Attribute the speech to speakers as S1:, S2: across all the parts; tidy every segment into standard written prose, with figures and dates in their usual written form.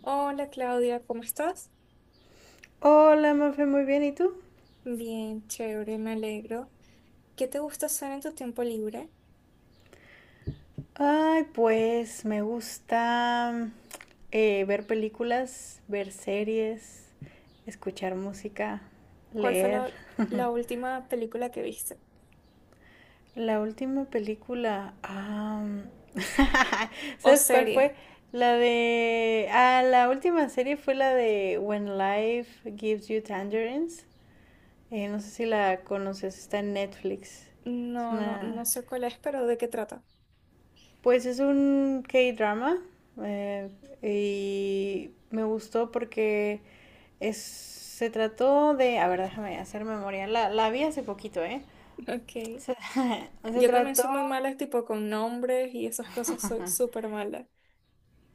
S1: Hola Claudia, ¿cómo estás?
S2: Hola, Mafe, muy bien, ¿y tú?
S1: Bien, chévere, me alegro. ¿Qué te gusta hacer en tu tiempo libre?
S2: Ay, pues me gusta ver películas, ver series, escuchar música,
S1: ¿Cuál fue
S2: leer.
S1: la última película que viste?
S2: La última película,
S1: ¿O
S2: ¿sabes cuál
S1: serie?
S2: fue? La última serie fue la de When Life Gives You Tangerines. No sé si la conoces, está en Netflix. Es
S1: No, no, no
S2: una...
S1: sé cuál es, pero ¿de qué trata?
S2: Pues es un K-drama eh, y me gustó porque se trató de, a ver, déjame hacer memoria, la vi hace poquito, ¿eh?
S1: Ok.
S2: Se, se
S1: Yo también
S2: trató,
S1: soy muy mala, tipo con nombres y esas cosas, soy súper mala.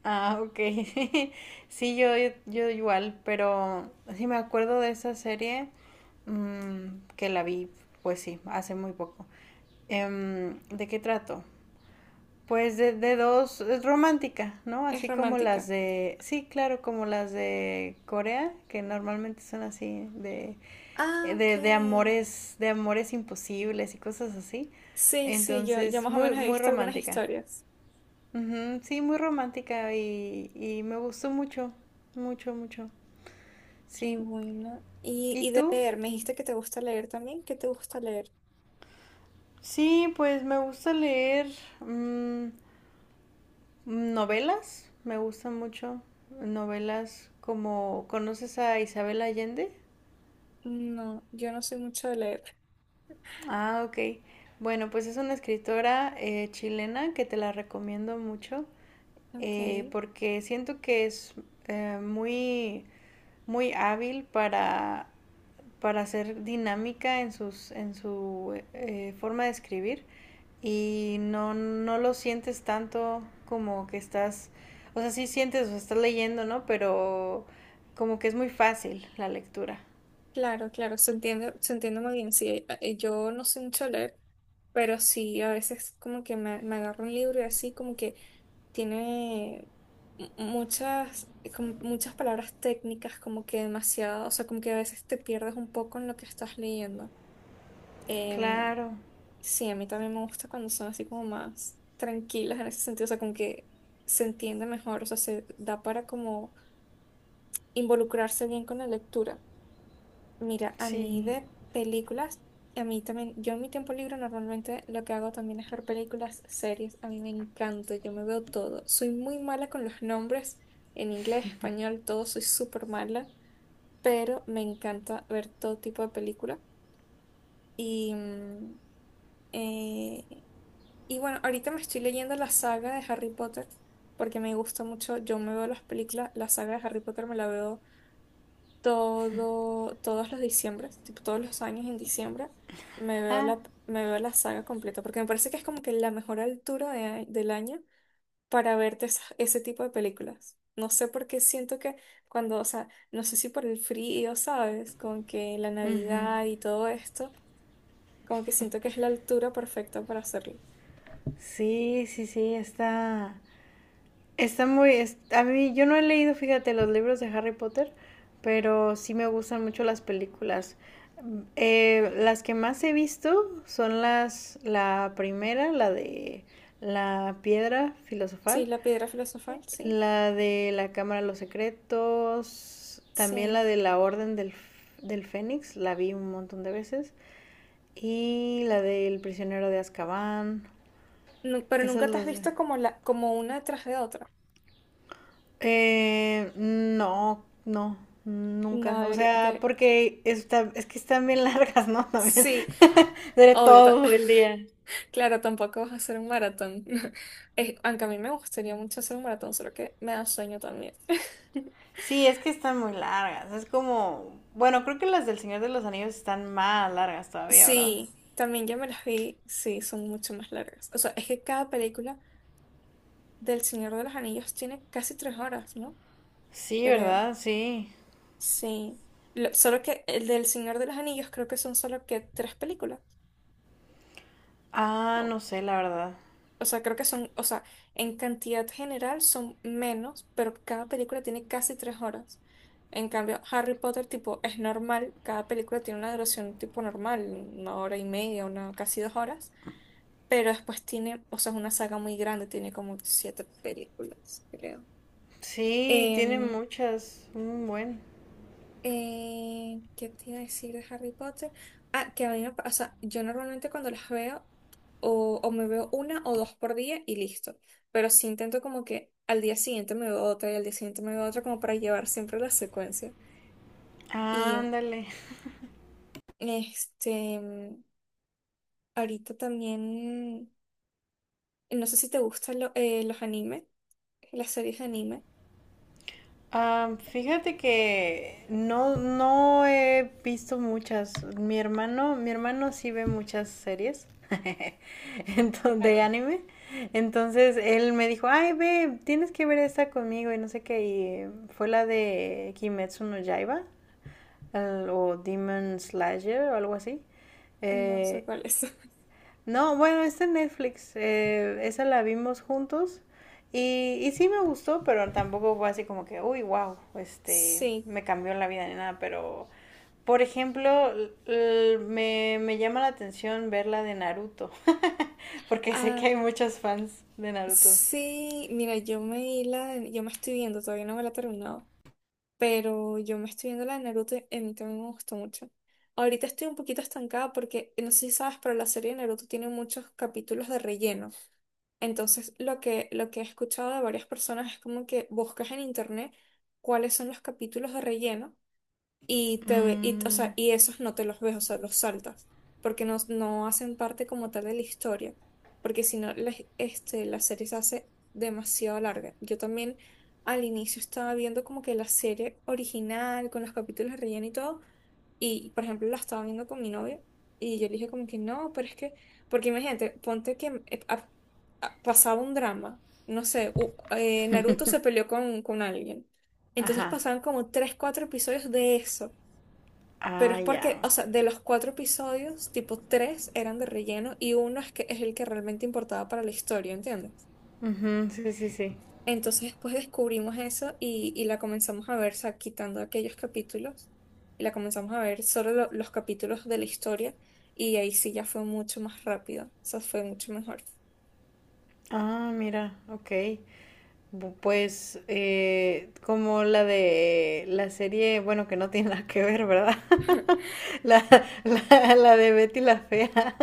S2: ah, ok, sí, yo igual, pero sí me acuerdo de esa serie, que la vi, pues sí, hace muy poco. ¿De qué trato? Pues de dos, es romántica, ¿no?
S1: Es
S2: Así como las
S1: romántica.
S2: de, sí, claro, como las de Corea, que normalmente son así,
S1: Ah, ok.
S2: de amores imposibles y cosas así.
S1: Sí, sí, yo
S2: Entonces,
S1: más o
S2: muy,
S1: menos he
S2: muy
S1: visto algunas
S2: romántica.
S1: historias.
S2: Ujú. Sí, muy romántica y me gustó mucho, mucho, mucho.
S1: Qué
S2: Sí.
S1: bueno. Y,
S2: ¿Y
S1: y de
S2: tú?
S1: leer, me dijiste que te gusta leer también. ¿Qué te gusta leer?
S2: Sí, pues me gusta leer. mm, Novelas, me gustan mucho. Novelas como, ¿conoces a Isabel Allende?
S1: No, yo no soy mucho de leer.
S2: Ah, ok. Bueno, pues es una escritora chilena que te la recomiendo mucho
S1: Ok,
S2: eh, porque siento que es eh, muy, muy hábil para ser dinámica en, en su forma de escribir y no lo sientes tanto como que estás, o sea, sí sientes, o sea, estás leyendo, ¿no? Pero como que es muy fácil la lectura.
S1: claro, claro, se entiende muy bien. Sí, yo no sé mucho leer, pero sí, a veces como que me agarro un libro y así como que tiene muchas, como muchas palabras técnicas, como que demasiado, o sea, como que a veces te pierdes un poco en lo que estás leyendo. Em,
S2: Claro,
S1: sí, a mí también me gusta cuando son así como más tranquilas en ese sentido, o sea, como que se entiende mejor, o sea, se da para como involucrarse bien con la lectura. Mira, a mí
S2: sí.
S1: de películas, a mí también, yo en mi tiempo libre normalmente lo que hago también es ver películas, series, a mí me encanta, yo me veo todo. Soy muy mala con los nombres, en inglés, español, todo, soy súper mala, pero me encanta ver todo tipo de película. Y, mm, eh, y bueno, ahorita me estoy leyendo la saga de Harry Potter porque me gusta mucho, yo me veo las películas, la saga de Harry Potter me la veo. Todos los diciembres, tipo todos los años en diciembre, me veo
S2: Ah.
S1: la, me veo la saga completa, porque me parece que es como que la mejor altura del año para verte ese tipo de películas. No sé por qué siento que cuando, o sea, no sé si por el frío, ¿sabes? Con que la
S2: Ujú.
S1: Navidad y todo esto, como que siento que es la altura perfecta para hacerlo.
S2: Sí, está. Está muy, a mí yo no he leído, fíjate, los libros de Harry Potter, pero sí me gustan mucho las películas. Mm, las que más he visto son las, la primera, la de la piedra
S1: Sí,
S2: filosofal,
S1: la piedra filosofal, sí,
S2: la de la Cámara de los Secretos, también la
S1: sí.
S2: de la Orden del Fénix, la vi un montón de veces, y la del prisionero de Azkaban,
S1: Pero
S2: esas
S1: nunca te has
S2: las...
S1: visto como una tras de otra.
S2: No, nunca.
S1: No,
S2: O
S1: debería,
S2: sea,
S1: de...
S2: porque es que están bien largas, ¿no? También.
S1: Sí,
S2: De
S1: obvio.
S2: todo el día.
S1: Claro, tampoco vas a hacer un maratón. Aunque a mí me gustaría mucho hacer un maratón, solo que me da sueño también.
S2: Sí, es que están muy largas. Es como, bueno, creo que las del Señor de los Anillos están más largas todavía, ¿verdad?
S1: Sí, también ya me las vi, sí, son mucho más largas. O sea, es que cada película del Señor de los Anillos tiene casi 3 horas, ¿no?
S2: Sí,
S1: Creo.
S2: ¿verdad? Sí.
S1: Sí. Solo que el del Señor de los Anillos creo que son solo que tres películas.
S2: Ah, no sé, la verdad.
S1: O sea, creo que son, o sea, en cantidad general son menos, pero cada película tiene casi 3 horas. En cambio, Harry Potter, tipo, es normal, cada película tiene una duración tipo normal, 1 hora y media, casi 2 horas, pero después tiene, o sea, es una saga muy grande, tiene como siete películas, creo.
S2: Sí, tiene
S1: Em,
S2: muchas. Un buen.
S1: ¿Qué te iba a decir de Harry Potter? Ah, que a mí me pasa, yo normalmente cuando las veo, o me veo una o dos por día y listo. Pero sí intento como que al día siguiente me veo otra y al día siguiente me veo otra como para llevar siempre la secuencia. Y
S2: Ándale.
S1: este, ahorita también, no sé si te gustan los animes, las series de anime.
S2: Ah, fíjate que no, no he visto muchas. Mi hermano sí ve muchas series entonces, de
S1: Claro,
S2: anime. Entonces él me dijo, ay, ve, tienes que ver esta conmigo y no sé qué. Y fue la de Kimetsu no Yaiba o Demon Slayer o algo así.
S1: no sé
S2: Eh,
S1: cuál es.
S2: no, Bueno, está en Netflix. Esa la vimos juntos. Y sí me gustó, pero tampoco fue así como que, uy, wow, este,
S1: Sí,
S2: me cambió la vida ni nada. Pero, por ejemplo, me llama la atención ver la de Naruto. Porque sé
S1: ah,
S2: que hay muchos fans de Naruto.
S1: sí, mira, yo me estoy viendo, todavía no me la he terminado. Pero yo me estoy viendo la de Naruto y a mí también me gustó mucho. Ahorita estoy un poquito estancada porque no sé si sabes, pero la serie de Naruto tiene muchos capítulos de relleno. Entonces, lo que he escuchado de varias personas es como que buscas en internet cuáles son los capítulos de relleno y, o
S2: Mm,
S1: sea, y esos no te los ves, o sea, los saltas, porque no, no hacen parte como tal de la historia, porque si no, la serie se hace demasiado larga. Yo también al inicio estaba viendo como que la serie original, con los capítulos de relleno y todo, y por ejemplo la estaba viendo con mi novio, y yo le dije como que no, pero es que, porque imagínate, ponte que pasaba un drama, no sé, Naruto se peleó con alguien. Entonces
S2: ajá.
S1: pasaban como tres, cuatro episodios de eso. Pero
S2: Ah,
S1: es porque,
S2: ya. Ok.
S1: o sea, de los cuatro episodios, tipo tres eran de relleno y uno es que es el que realmente importaba para la historia, ¿entiendes?
S2: Ujú, sí, sí, sí.
S1: Entonces después descubrimos eso y la comenzamos a ver, o sea, quitando aquellos capítulos y la comenzamos a ver solo los capítulos de la historia y ahí sí ya fue mucho más rápido, o sea, fue mucho mejor.
S2: Ah, mira, ok. Pues como la de la serie, bueno, que no tiene nada que ver, ¿verdad? La, la de Betty la Fea.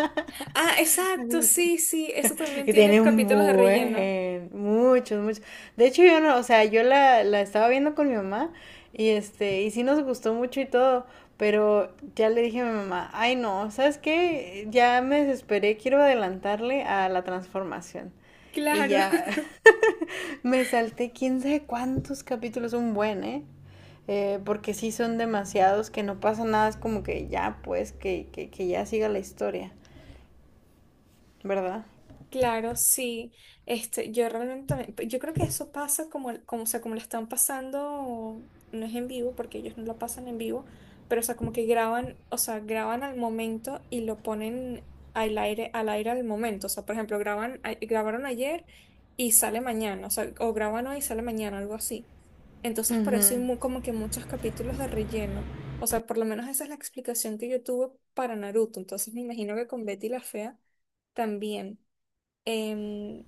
S1: Ah, exacto, sí, sí, eso también
S2: Y
S1: tiene
S2: tiene un
S1: capítulos de relleno.
S2: buen, muchos, muchos. De hecho, yo no, o sea, yo la, la estaba viendo con mi mamá y este, y sí nos gustó mucho y todo, pero ya le dije a mi mamá, ay no, ¿sabes qué? Ya me desesperé, quiero adelantarle a la transformación. Y
S1: Claro.
S2: ya, me salté quién sabe cuántos capítulos, un buen, ¿eh? Porque sí son demasiados, que no pasa nada, es como que ya, pues, que ya siga la historia, ¿verdad?
S1: Claro, sí. Este, yo realmente pues, yo creo que eso pasa como, o sea, como lo están pasando, no es en vivo, porque ellos no lo pasan en vivo, pero o sea, como que graban, o sea, graban al momento y lo ponen al aire, al aire al momento. O sea, por ejemplo, graban, grabaron ayer y sale mañana, o sea, o graban hoy y sale mañana, algo así. Entonces, por eso hay como que muchos capítulos de relleno. O sea, por lo menos esa es la explicación que yo tuve para Naruto. Entonces, me imagino que con Betty la Fea también. Em,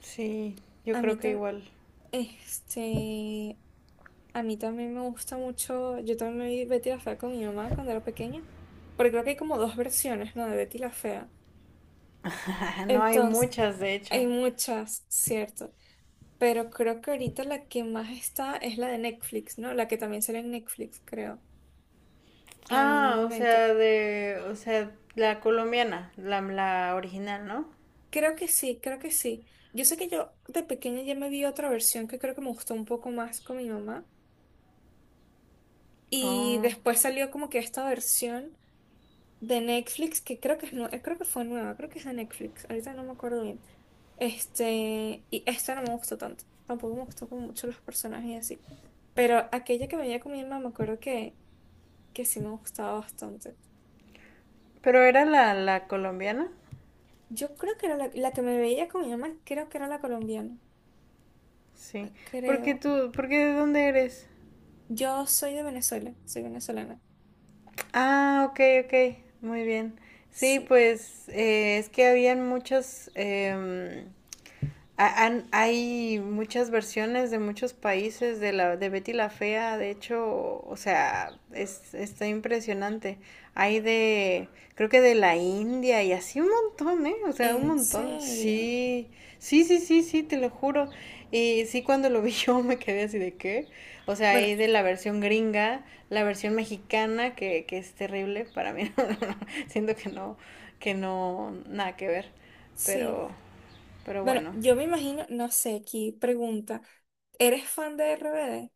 S2: Sí, yo
S1: a mí
S2: creo que
S1: tam-
S2: igual.
S1: este, a mí también me gusta mucho, yo también me vi Betty la Fea con mi mamá cuando era pequeña, porque creo que hay como dos versiones, ¿no? De Betty la Fea.
S2: No hay
S1: Entonces,
S2: muchas, de hecho.
S1: hay muchas, cierto, pero creo que ahorita la que más está es la de Netflix, ¿no? La que también sale en Netflix, creo, en algún
S2: Ah, o
S1: momento.
S2: sea, de, o sea, la colombiana, la original, ¿no?
S1: Creo que sí, creo que sí. Yo sé que yo de pequeña ya me vi otra versión que creo que me gustó un poco más con mi mamá. Y
S2: Oh.
S1: después salió como que esta versión de Netflix, que creo que creo que fue nueva, creo que es de Netflix, ahorita no me acuerdo bien. Este, y esta no me gustó tanto, tampoco me gustó como mucho los personajes y así. Pero aquella que me veía con mi mamá, me acuerdo que sí me gustaba bastante.
S2: ¿Pero era la colombiana?
S1: Yo creo que era la que me veía con mi mamá, creo que era la colombiana,
S2: Sí. ¿Por qué
S1: creo.
S2: tú, por qué De dónde eres?
S1: Yo soy de Venezuela, soy venezolana,
S2: Ah, ok, ok, muy bien. Sí,
S1: sí.
S2: pues es que habían muchos, hay muchas versiones de muchos países de la de Betty la Fea, de hecho, o sea, es, está impresionante. Hay de, creo que de la India y así un montón, ¿eh? O sea, un
S1: ¿En
S2: montón.
S1: serio?
S2: Sí, sí, te lo juro. Y sí, cuando lo vi yo me quedé así de qué. O sea,
S1: Bueno,
S2: hay de la versión gringa, la versión mexicana, que es terrible para mí. Siento que que no, nada que ver.
S1: sí.
S2: Pero, pero
S1: Bueno,
S2: bueno.
S1: yo me imagino, no sé, aquí pregunta, ¿eres fan de RBD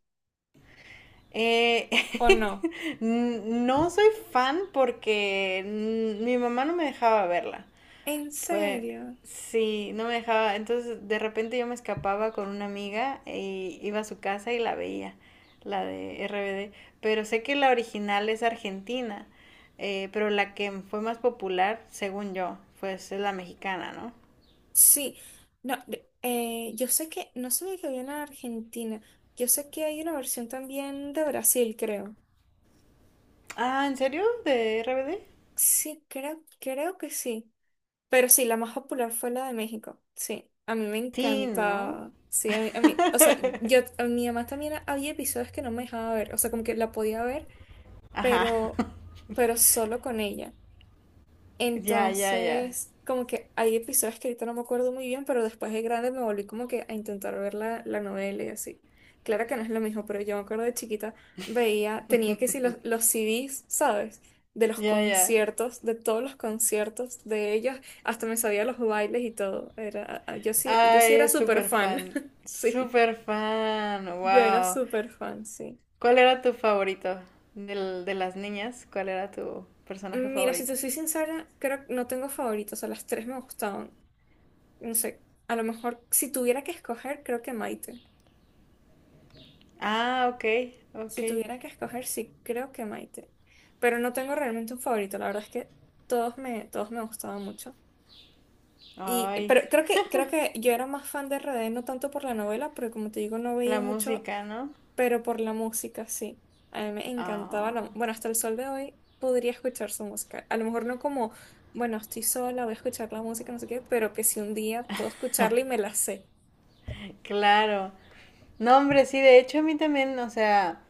S2: Eh,
S1: o no?
S2: no soy fan porque mi mamá no me dejaba verla.
S1: ¿En
S2: Pues
S1: serio?
S2: sí, no me dejaba. Entonces de repente yo me escapaba con una amiga y iba a su casa y la veía, la de RBD. Pero sé que la original es argentina, pero la que fue más popular, según yo, pues es la mexicana, ¿no?
S1: Sí. No, yo sé que, no sabía que había una Argentina. Yo sé que hay una versión también de Brasil, creo.
S2: Ah, ¿en serio? ¿De RBD?
S1: Sí, creo que sí. Pero sí, la más popular fue la de México. Sí, a mí me
S2: Sí, ¿no?
S1: encantaba. Sí, a mí- o sea, yo, a mi mamá también había episodios que no me dejaba ver. O sea, como que la podía ver,
S2: Ajá.
S1: pero, pero solo con ella.
S2: Ya, ya, ya.
S1: Entonces, como que hay episodios que ahorita no me acuerdo muy bien, pero después de grande me volví como que a intentar ver la novela y así. Claro que no es lo mismo, pero yo me acuerdo de chiquita, veía, tenía que si los CDs, ¿sabes? De los
S2: Ya, ya.
S1: conciertos, de todos los conciertos de ellos, hasta me sabía los bailes y todo. Yo sí, yo sí era
S2: Ay,
S1: súper
S2: súper
S1: fan,
S2: fan.
S1: sí,
S2: Súper fan.
S1: yo era
S2: Wow.
S1: súper fan, sí.
S2: ¿Cuál era tu favorito de las niñas? ¿Cuál era tu personaje
S1: Mira, si
S2: favorito?
S1: te soy sincera, creo que no tengo favoritos, a las tres me gustaban. No sé, a lo mejor si tuviera que escoger, creo que Maite.
S2: Ah, ok,
S1: Si
S2: ok.
S1: tuviera que escoger, sí, creo que Maite. Pero no tengo realmente un favorito, la verdad es que todos me gustaban mucho.
S2: Ay,
S1: Pero creo que yo era más fan de RD, no tanto por la novela, porque como te digo, no veía
S2: la
S1: mucho,
S2: música, ¿no?
S1: pero por la música, sí. A mí me encantaba
S2: Ah,
S1: hasta el sol de hoy podría escuchar su música. A lo mejor no como, bueno, estoy sola, voy a escuchar la música, no sé qué, pero que si un día puedo escucharla y me la sé.
S2: claro. No, hombre, sí, de hecho a mí también, o sea,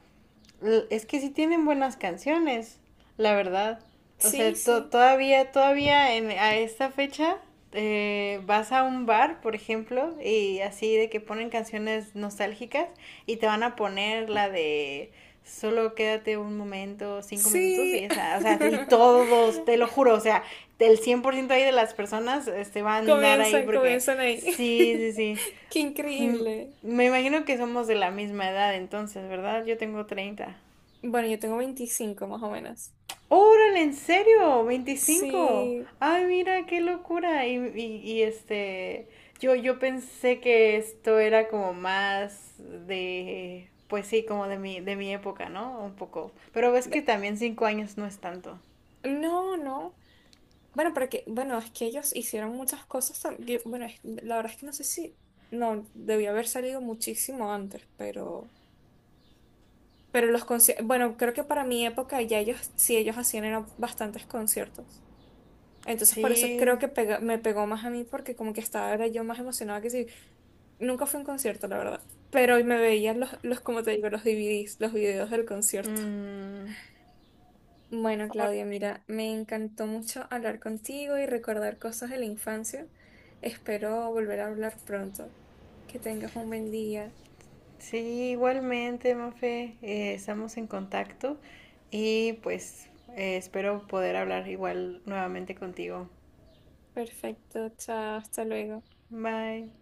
S2: Es que sí tienen buenas canciones, la verdad. O
S1: Sí,
S2: sea,
S1: sí.
S2: todavía, todavía a esta fecha vas a un bar, por ejemplo, y así de que ponen canciones nostálgicas y te van a poner la de solo quédate un momento, 5 minutos y
S1: Sí.
S2: esa, o sea, y todos, te lo juro, o sea, el 100% ahí de las personas este, van a andar ahí
S1: Comienzan,
S2: porque
S1: comienzan ahí.
S2: sí, sí, sí.
S1: Qué
S2: Mm,
S1: increíble.
S2: me imagino que somos de la misma edad entonces, ¿verdad? Yo tengo 30.
S1: Bueno, yo tengo 25 más o menos.
S2: ¡Órale, en serio! 25.
S1: Sí.
S2: ¡Ay, mira, qué locura! Y, este, yo pensé que esto era como más de, pues sí, como de mi época, ¿no? Un poco. Pero ves que
S1: Ve-
S2: también 5 años no es tanto.
S1: No, no. Bueno, porque, bueno, es que ellos hicieron muchas cosas. Bueno, la verdad es que no sé si. No, debió haber salido muchísimo antes, pero. Pero los conciertos. Bueno, creo que para mi época ya ellos, sí, ellos hacían eran bastantes conciertos. Entonces por eso creo
S2: Sí.
S1: que me pegó más a mí porque como que estaba era yo más emocionada que si nunca fue un concierto, la verdad. Pero me veían como te digo, los DVDs, los videos del concierto.
S2: mm,
S1: Bueno, Claudia,
S2: ahora-
S1: mira, me encantó mucho hablar contigo y recordar cosas de la infancia. Espero volver a hablar pronto. Que tengas un buen día.
S2: sí, igualmente, Mafe. Estamos en contacto y pues espero poder hablar igual nuevamente contigo.
S1: Perfecto, chao, hasta luego.
S2: Bye.